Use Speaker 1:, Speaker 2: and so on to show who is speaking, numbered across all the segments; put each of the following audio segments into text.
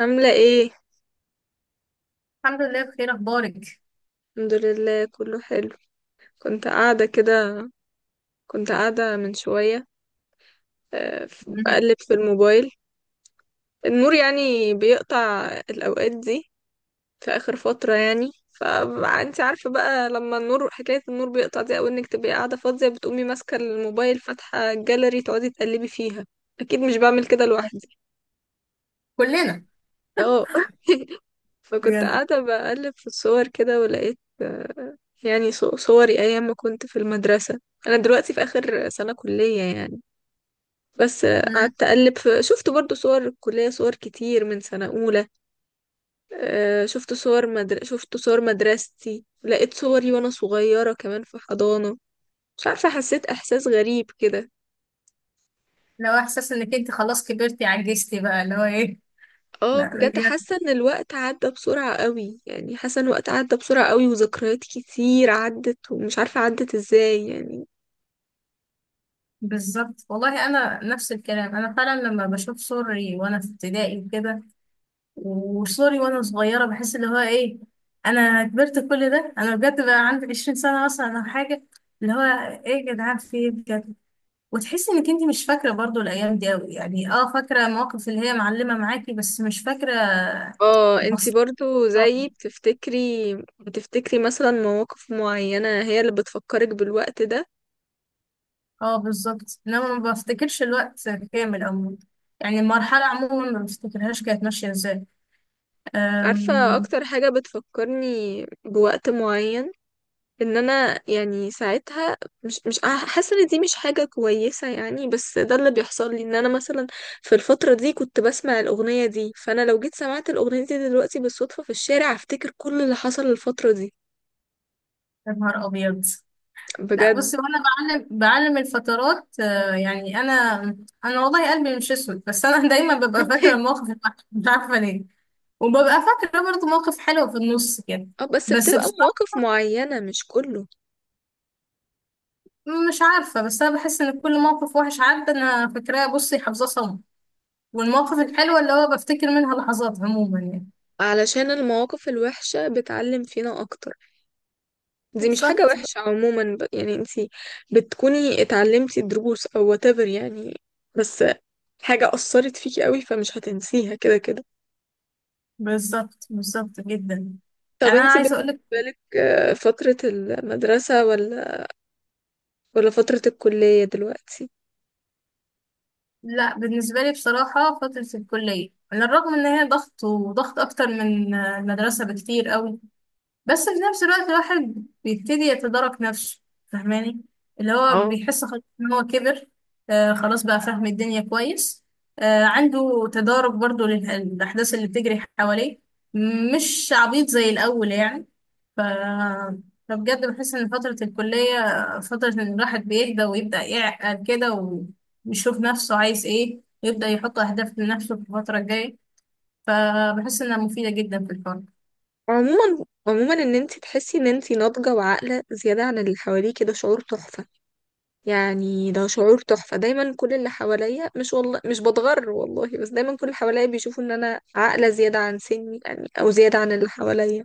Speaker 1: عاملة ايه؟
Speaker 2: الحمد لله بخير، اخبارك؟
Speaker 1: الحمد لله كله حلو. كنت قاعدة كده، كنت قاعدة من شوية.
Speaker 2: مم.
Speaker 1: بقلب في الموبايل. النور يعني بيقطع الأوقات دي في آخر فترة يعني، فانت عارفة بقى لما النور، حكاية النور بيقطع دي أو انك تبقي قاعدة فاضية بتقومي ماسكة الموبايل فاتحة الجاليري تقعدي تقلبي فيها. أكيد مش بعمل كده لوحدي.
Speaker 2: كلنا.
Speaker 1: اه فكنت
Speaker 2: بجد.
Speaker 1: قاعدة بقلب في الصور كده ولقيت يعني صوري أيام ما كنت في المدرسة. أنا دلوقتي في آخر سنة كلية يعني. بس
Speaker 2: مم.
Speaker 1: قعدت أقلب في، شفت برضو صور الكلية، صور كتير من سنة أولى. شفت صور شفت صور مدرستي، لقيت صوري وأنا صغيرة كمان في حضانة. مش عارفة، حسيت إحساس غريب كده.
Speaker 2: لو احساس انك انت خلاص كبرتي عجزتي بقى اللي هو ايه.
Speaker 1: اه
Speaker 2: لا
Speaker 1: بجد،
Speaker 2: بجد.
Speaker 1: حاسة إن الوقت عدى بسرعة قوي، يعني حاسة إن الوقت عدى بسرعة قوي وذكريات كتير عدت ومش عارفة عدت إزاي يعني.
Speaker 2: بالظبط والله انا نفس الكلام. انا فعلا لما بشوف صوري وانا في ابتدائي وكده وصوري وانا صغيره بحس اللي هو ايه. انا كبرت كل ده، انا بجد بقى عندي 20 سنه مثلا او حاجه. اللي هو ايه يا جدعان، في ايه بجد؟ وتحسي انك انت مش فاكره برضو الايام دي قوي، يعني اه فاكره المواقف اللي هي معلمه معاكي بس مش فاكره
Speaker 1: اه، انتي
Speaker 2: تفاصيل.
Speaker 1: برضو زيي بتفتكري، بتفتكري مثلا مواقف معينة هي اللي بتفكرك بالوقت ده.
Speaker 2: اه بالظبط، انما ما بفتكرش الوقت كامل عموما. يعني المرحلة عموما ما بفتكرهاش كانت ماشية ازاي.
Speaker 1: عارفة
Speaker 2: أم،
Speaker 1: اكتر حاجة بتفكرني بوقت معين، ان انا يعني ساعتها مش حاسة ان دي مش حاجة كويسة يعني، بس ده اللي بيحصل لي ان انا مثلا في الفترة دي كنت بسمع الاغنية دي، فانا لو جيت سمعت الاغنية دي دلوقتي بالصدفة في الشارع هفتكر كل اللي حصل الفترة دي.
Speaker 2: يا نهار ابيض. لا
Speaker 1: بجد.
Speaker 2: بصي، وانا بعلم بعلم الفترات، يعني انا والله قلبي مش اسود، بس انا دايما ببقى فاكرة المواقف الوحشة، مش عارفة ليه. وببقى فاكرة برضه مواقف حلوة في النص كده.
Speaker 1: اه بس
Speaker 2: بس
Speaker 1: بتبقى
Speaker 2: بصراحة
Speaker 1: مواقف معينة مش كله.
Speaker 2: مش عارفة، بس أنا بحس إن كل موقف وحش عدى أنا فاكراه بصي، حافظاه صم. والمواقف الحلوة اللي هو بفتكر منها لحظات عموما يعني.
Speaker 1: علشان المواقف الوحشة بتعلم فينا أكتر. دي مش حاجة
Speaker 2: بالظبط
Speaker 1: وحشة عموما، يعني انتي بتكوني اتعلمتي دروس أو whatever يعني، بس حاجة أثرت فيكي قوي فمش هتنسيها كده كده.
Speaker 2: بالظبط جدا.
Speaker 1: طب
Speaker 2: يعني انا
Speaker 1: انتي
Speaker 2: عايزه
Speaker 1: بالنسبة
Speaker 2: اقولك،
Speaker 1: لك، فترة المدرسة ولا، ولا فترة الكلية دلوقتي؟
Speaker 2: لا بالنسبه لي بصراحه فتره الكليه على الرغم ان هي ضغط وضغط اكتر من المدرسه بكتير قوي، بس في نفس الوقت الواحد بيبتدي يتدارك نفسه، فاهماني؟ اللي هو
Speaker 1: اه،
Speaker 2: بيحس خلاص ان هو كبر، آه خلاص بقى فاهم الدنيا كويس، آه عنده تدارك برضو للأحداث اللي بتجري حواليه، مش عبيط زي الأول يعني. ف... فبجد بحس إن فترة الكلية فترة إن الواحد بيهدى ويبدأ يعقل كده، ويشوف نفسه عايز إيه، ويبدأ يحط أهداف لنفسه في الفترة الجاية. فبحس إنها مفيدة جدا في الحوار.
Speaker 1: عموما عموما ان انتي تحسي ان انتي ناضجة وعاقلة زيادة عن اللي حواليكي ده شعور تحفة، يعني ده شعور تحفة. دايما كل اللي حواليا، مش والله مش بتغر والله، بس دايما كل اللي حواليا بيشوفوا ان انا عاقلة زيادة عن سني يعني او زيادة عن اللي حواليا.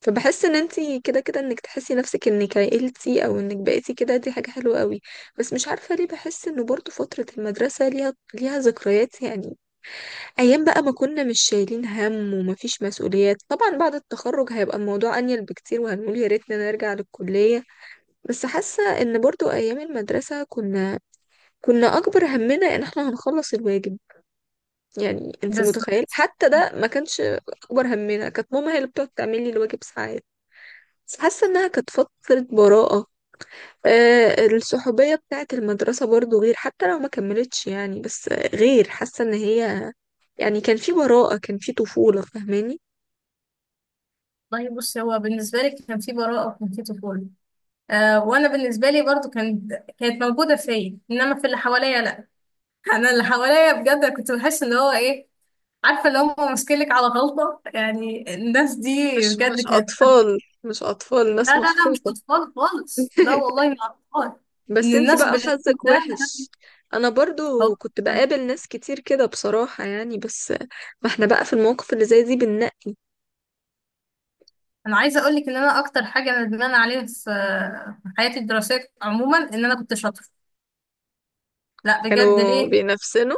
Speaker 1: فبحس ان انتي كده كده انك تحسي نفسك انك عقلتي او انك بقيتي كده، دي حاجة حلوة قوي. بس مش عارفة ليه بحس انه برضو فترة المدرسة ليها ذكريات يعني، ايام بقى ما كنا مش شايلين هم ومفيش مسؤوليات. طبعا بعد التخرج هيبقى الموضوع انيل بكتير وهنقول يا ريتنا نرجع للكلية، بس حاسة ان برضو ايام المدرسة كنا اكبر همنا ان احنا هنخلص الواجب. يعني انت
Speaker 2: بس
Speaker 1: متخيل حتى ده ما كانش اكبر همنا، كانت ماما هي اللي بتقعد تعمل لي الواجب ساعات. بس حاسه انها كانت فتره براءه. آه الصحوبيه بتاعه المدرسه برضو غير، حتى لو ما كملتش يعني، بس غير حاسه ان هي، يعني كان في براءه كان في طفوله فاهماني.
Speaker 2: والله بص، هو بالنسبة لي كان في براءة وكان في طفولة، آه وأنا بالنسبة لي برضو كانت، كانت موجودة فيا، إنما في اللي حواليا لأ. أنا اللي حواليا بجد أنا كنت بحس إن هو إيه، عارفة اللي هم ماسكينك على غلطة يعني الناس دي.
Speaker 1: مش
Speaker 2: بجد
Speaker 1: مش
Speaker 2: كانت،
Speaker 1: اطفال، مش اطفال،
Speaker 2: لا
Speaker 1: ناس
Speaker 2: لا لا مش
Speaker 1: مسخوطه.
Speaker 2: أطفال خالص، لا والله مش أطفال، إن
Speaker 1: بس انتي
Speaker 2: الناس
Speaker 1: بقى
Speaker 2: باللون
Speaker 1: حظك
Speaker 2: ده.
Speaker 1: وحش. انا
Speaker 2: هو
Speaker 1: برضو كنت بقابل ناس كتير كده بصراحة يعني، بس ما احنا بقى في المواقف اللي زي دي بننقي.
Speaker 2: أنا عايزة أقول لك إن أنا أكتر حاجة ندمانة عليها في في حياتي الدراسية عموما إن أنا كنت شاطرة. لا بجد،
Speaker 1: كانوا
Speaker 2: ليه؟
Speaker 1: بينافسنا.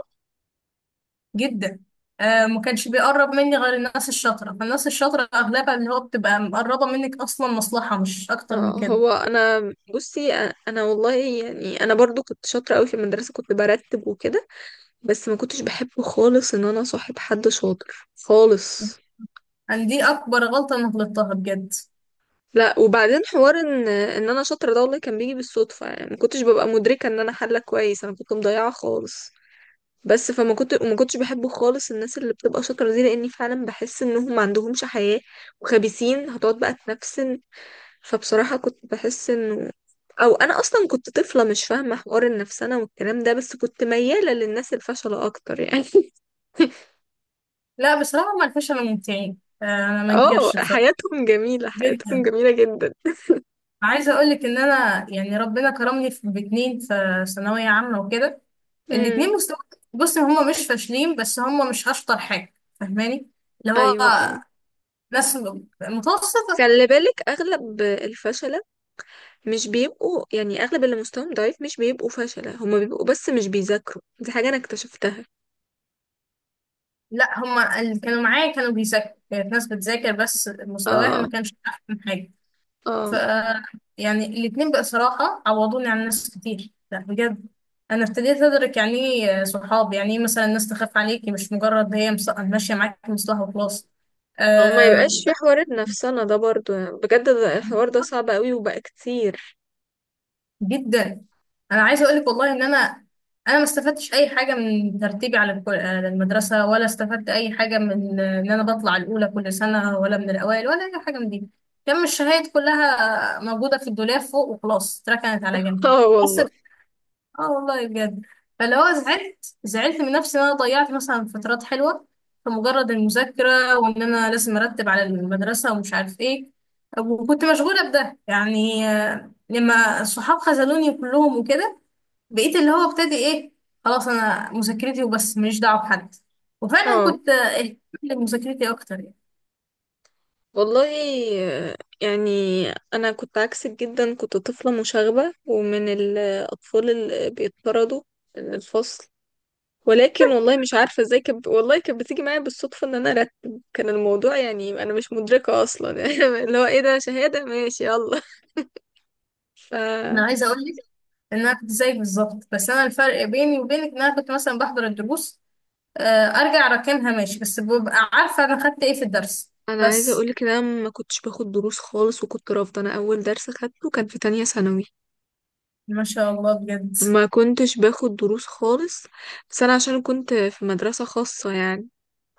Speaker 2: جدا. آه ما كانش بيقرب مني غير الناس الشاطره، فالناس الشاطره اغلبها اللي هو بتبقى مقربه منك اصلا مصلحه مش اكتر
Speaker 1: اه،
Speaker 2: من كده.
Speaker 1: هو انا بصي، اه انا والله يعني انا برضو كنت شاطرة قوي في المدرسة، كنت برتب وكده، بس ما كنتش بحب خالص ان انا صاحب حد شاطر خالص.
Speaker 2: يعني دي اكبر غلطه انا غلطتها بجد.
Speaker 1: لا، وبعدين حوار ان انا شاطرة ده والله كان بيجي بالصدفة يعني، ما كنتش ببقى مدركة ان انا حلة كويس، انا كنت مضيعة خالص. بس فما كنت وما كنتش بحب خالص الناس اللي بتبقى شاطره دي لاني فعلا بحس انهم ما عندهمش حياه وخبيثين هتقعد بقى تنفسن، فبصراحه كنت بحس انه، او انا اصلا كنت طفله مش فاهمه حوار النفسنه والكلام ده، بس كنت مياله للناس الفشله اكتر يعني.
Speaker 2: لا بصراحه ما عرفوش، انا ممتعين، انا ما
Speaker 1: اه
Speaker 2: انكرش بصراحه،
Speaker 1: حياتهم جميله، حياتهم
Speaker 2: جدا.
Speaker 1: جميله جدا.
Speaker 2: عايزه اقول لك ان انا يعني ربنا كرمني في باتنين في ثانويه عامه وكده.
Speaker 1: امم.
Speaker 2: الاتنين مستوى، بص هما مش فاشلين، بس هما مش اشطر حاجه، فاهماني؟ اللي هو
Speaker 1: ايوه اه.
Speaker 2: ناس متوسط.
Speaker 1: خلي بالك اغلب الفشله مش بيبقوا يعني، اغلب اللي مستواهم ضعيف مش بيبقوا فشله، هما بيبقوا بس مش بيذاكروا، دي حاجه انا اكتشفتها.
Speaker 2: لا هما اللي كانوا معايا كانوا بيذاكروا، كانت ناس بتذاكر بس مستواها ما
Speaker 1: اه.
Speaker 2: كانش أحسن حاجة. ف
Speaker 1: اه،
Speaker 2: يعني الاتنين بقى صراحة عوضوني عن ناس كتير. لا بجد، أنا ابتديت أدرك يعني إيه صحاب، يعني إيه مثلا الناس تخاف عليكي، مش مجرد هي ماشية معاكي مصلحة وخلاص.
Speaker 1: هو ما
Speaker 2: آه،
Speaker 1: يبقاش في حوار نفسنا ده برضو يعني، بجد ده الحوار ده صعب قوي وبقى كتير.
Speaker 2: جدا. انا عايزه اقول لك والله ان انا انا ما استفدتش اي حاجه من ترتيبي على على المدرسه، ولا استفدت اي حاجه من ان انا بطلع الاولى كل سنه، ولا من الاوائل، ولا اي حاجه من دي. كان الشهايد كلها موجوده في الدولاب فوق وخلاص، اتركنت على جنب.
Speaker 1: اه
Speaker 2: بس
Speaker 1: والله.
Speaker 2: اه والله بجد، فاللي هو زعلت زعلت من نفسي ان انا ضيعت مثلا فترات حلوه في مجرد المذاكره، وان انا لازم ارتب على المدرسه ومش عارف ايه، وكنت مشغوله بده يعني. لما الصحاب خذلوني كلهم وكده، بقيت اللي هو ابتدي ايه، خلاص انا مذاكرتي وبس، ماليش دعوه بحد. وفعلا
Speaker 1: اه
Speaker 2: كنت، اهتمت بمذاكرتي اكتر يعني.
Speaker 1: والله. آه، يعني انا كنت عكسك جدا، كنت طفلة مشاغبة ومن الاطفال اللي بيطردوا من الفصل، ولكن والله مش عارفة ازاي والله كانت بتيجي معايا بالصدفة ان انا ارتب، كان الموضوع يعني انا مش مدركة اصلا. اللي هو ايه ده، شهادة ماشي يلا. ف
Speaker 2: انا عايزه اقول لك ان انا كنت زيك بالظبط، بس انا الفرق بيني وبينك ان انا كنت مثلا بحضر الدروس، آه، ارجع راكنها ماشي، بس ببقى عارفه انا خدت ايه في الدرس.
Speaker 1: انا عايزه
Speaker 2: بس
Speaker 1: اقولك ان انا ما كنتش باخد دروس خالص وكنت رافضه، انا اول درس خدته كان في تانية ثانوي.
Speaker 2: ما شاء الله بجد.
Speaker 1: ما كنتش باخد دروس خالص، بس انا عشان كنت في مدرسه خاصه يعني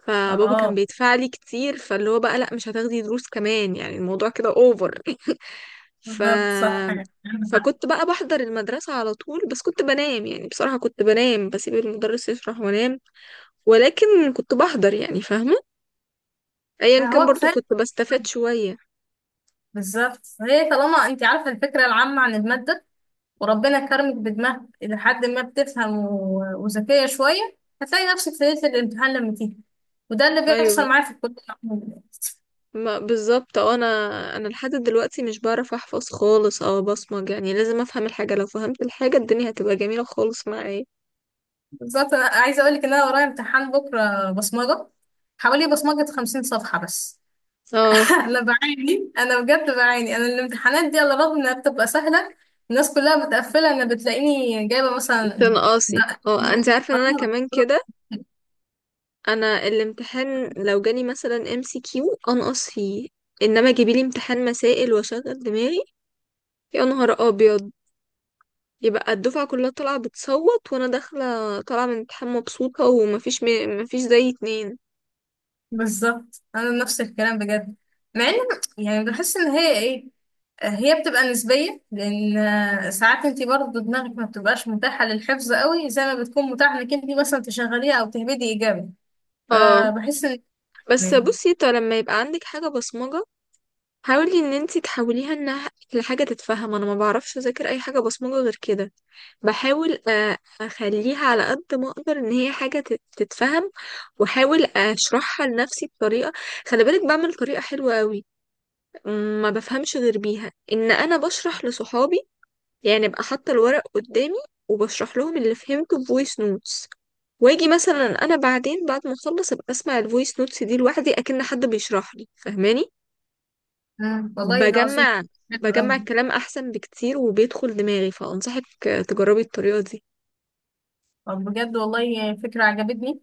Speaker 1: فبابا كان
Speaker 2: اه
Speaker 1: بيدفع لي كتير، فاللي هو بقى لا مش هتاخدي دروس كمان يعني الموضوع كده اوفر. ف
Speaker 2: بالظبط صح يعني.
Speaker 1: فكنت بقى بحضر المدرسة على طول، بس كنت بنام يعني بصراحة كنت بنام، بسيب المدرس يشرح وانام، ولكن كنت بحضر يعني، فاهمة، ايا كان
Speaker 2: هو
Speaker 1: برضو
Speaker 2: كفايه،
Speaker 1: كنت بستفاد شوية.
Speaker 2: بالظبط هي طالما انت عارفه الفكره العامه عن الماده وربنا كرمك بدماغ الى حد ما بتفهم وذكيه شويه، هتلاقي نفسك في ليله الامتحان لما تيجي. وده اللي بيحصل
Speaker 1: ايوه
Speaker 2: معايا في الكليه عموماً.
Speaker 1: ما بالظبط. اه انا، انا لحد دلوقتي مش بعرف احفظ خالص او بصمج، يعني لازم افهم الحاجه، لو فهمت الحاجه الدنيا هتبقى جميله خالص معايا.
Speaker 2: بالظبط، انا عايزه اقول لك ان انا ورايا امتحان بكره بصمجه، حوالي بصمجه 50 صفحه بس.
Speaker 1: اه،
Speaker 2: انا بعاني، انا بجد بعاني، انا الامتحانات دي على الرغم انها بتبقى سهله الناس كلها متقفله انا بتلاقيني جايبه مثلا
Speaker 1: تنقصي.
Speaker 2: ده.
Speaker 1: اه انت عارفه ان انا
Speaker 2: آه،
Speaker 1: كمان كده، انا الامتحان لو جالي مثلا MCQ انقص فيه، انما جيبيلي امتحان مسائل واشغل دماغي. يا نهار ابيض، يبقى الدفعه كلها طالعه بتصوت وانا داخله طالعه من امتحان مبسوطه. ومفيش مفيش زي اتنين.
Speaker 2: بالظبط انا نفس الكلام بجد. مع ان يعني بحس ان هي ايه، هي بتبقى نسبيه لان ساعات انت برضه دماغك ما بتبقاش متاحه للحفظ قوي زي ما بتكون متاحه انك انت مثلا تشغليها او تهبدي ايجابي.
Speaker 1: اه
Speaker 2: فبحس ان
Speaker 1: بس بصي، طب لما يبقى عندك حاجة بصمجة حاولي ان انتي تحوليها انها لحاجه تتفهم، انا ما بعرفش اذاكر اي حاجه بصمجه غير كده. بحاول اخليها على قد ما اقدر ان هي حاجه تتفهم، واحاول اشرحها لنفسي بطريقه، خلي بالك بعمل طريقه حلوه قوي، ما بفهمش غير بيها، ان انا بشرح لصحابي يعني، ابقى حاطه الورق قدامي وبشرح لهم اللي فهمته بفويس نوتس، واجي مثلا انا بعدين بعد ما اخلص ابقى اسمع الفويس نوتس دي لوحدي اكن حد بيشرح لي، فاهماني.
Speaker 2: والله العظيم.
Speaker 1: بجمع
Speaker 2: حلو
Speaker 1: بجمع
Speaker 2: أوي.
Speaker 1: الكلام احسن بكتير وبيدخل دماغي، فانصحك تجربي الطريقة دي،
Speaker 2: طب بجد والله فكرة عجبتني،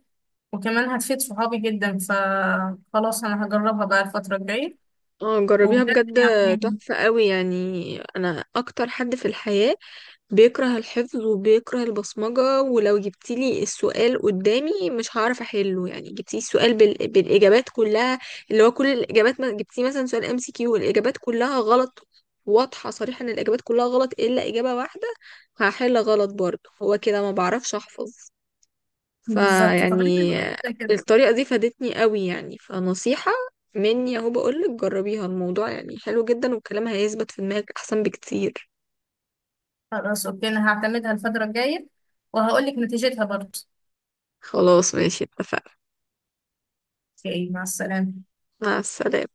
Speaker 2: وكمان هتفيد صحابي جدا، فخلاص انا هجربها بقى الفترة الجاية.
Speaker 1: اه جربيها
Speaker 2: وبجد
Speaker 1: بجد،
Speaker 2: يعني،
Speaker 1: تحفة قوي. يعني انا اكتر حد في الحياة بيكره الحفظ وبيكره البصمجة، ولو جبتيلي السؤال قدامي مش هعرف احله، يعني جبتيلي السؤال بالاجابات كلها، اللي هو كل الاجابات ما جبتيه مثلا سؤال MCQ الاجابات كلها غلط، واضحة صريحة ان الاجابات كلها غلط الا اجابة واحدة، هحل غلط برضه، هو كده ما بعرفش احفظ.
Speaker 2: بالظبط تقريبا
Speaker 1: فيعني
Speaker 2: كده كده.
Speaker 1: الطريقة دي فادتني قوي يعني، فنصيحة مني اهو بقولك جربيها، الموضوع يعني حلو جدا والكلام هيثبت في دماغك احسن بكتير.
Speaker 2: خلاص اوكي، انا هعتمدها الفترة الجاية وهقولك نتيجتها برضه.
Speaker 1: خلاص ماشي اتفقنا.
Speaker 2: اوكي، مع السلامة.
Speaker 1: مع السلامة.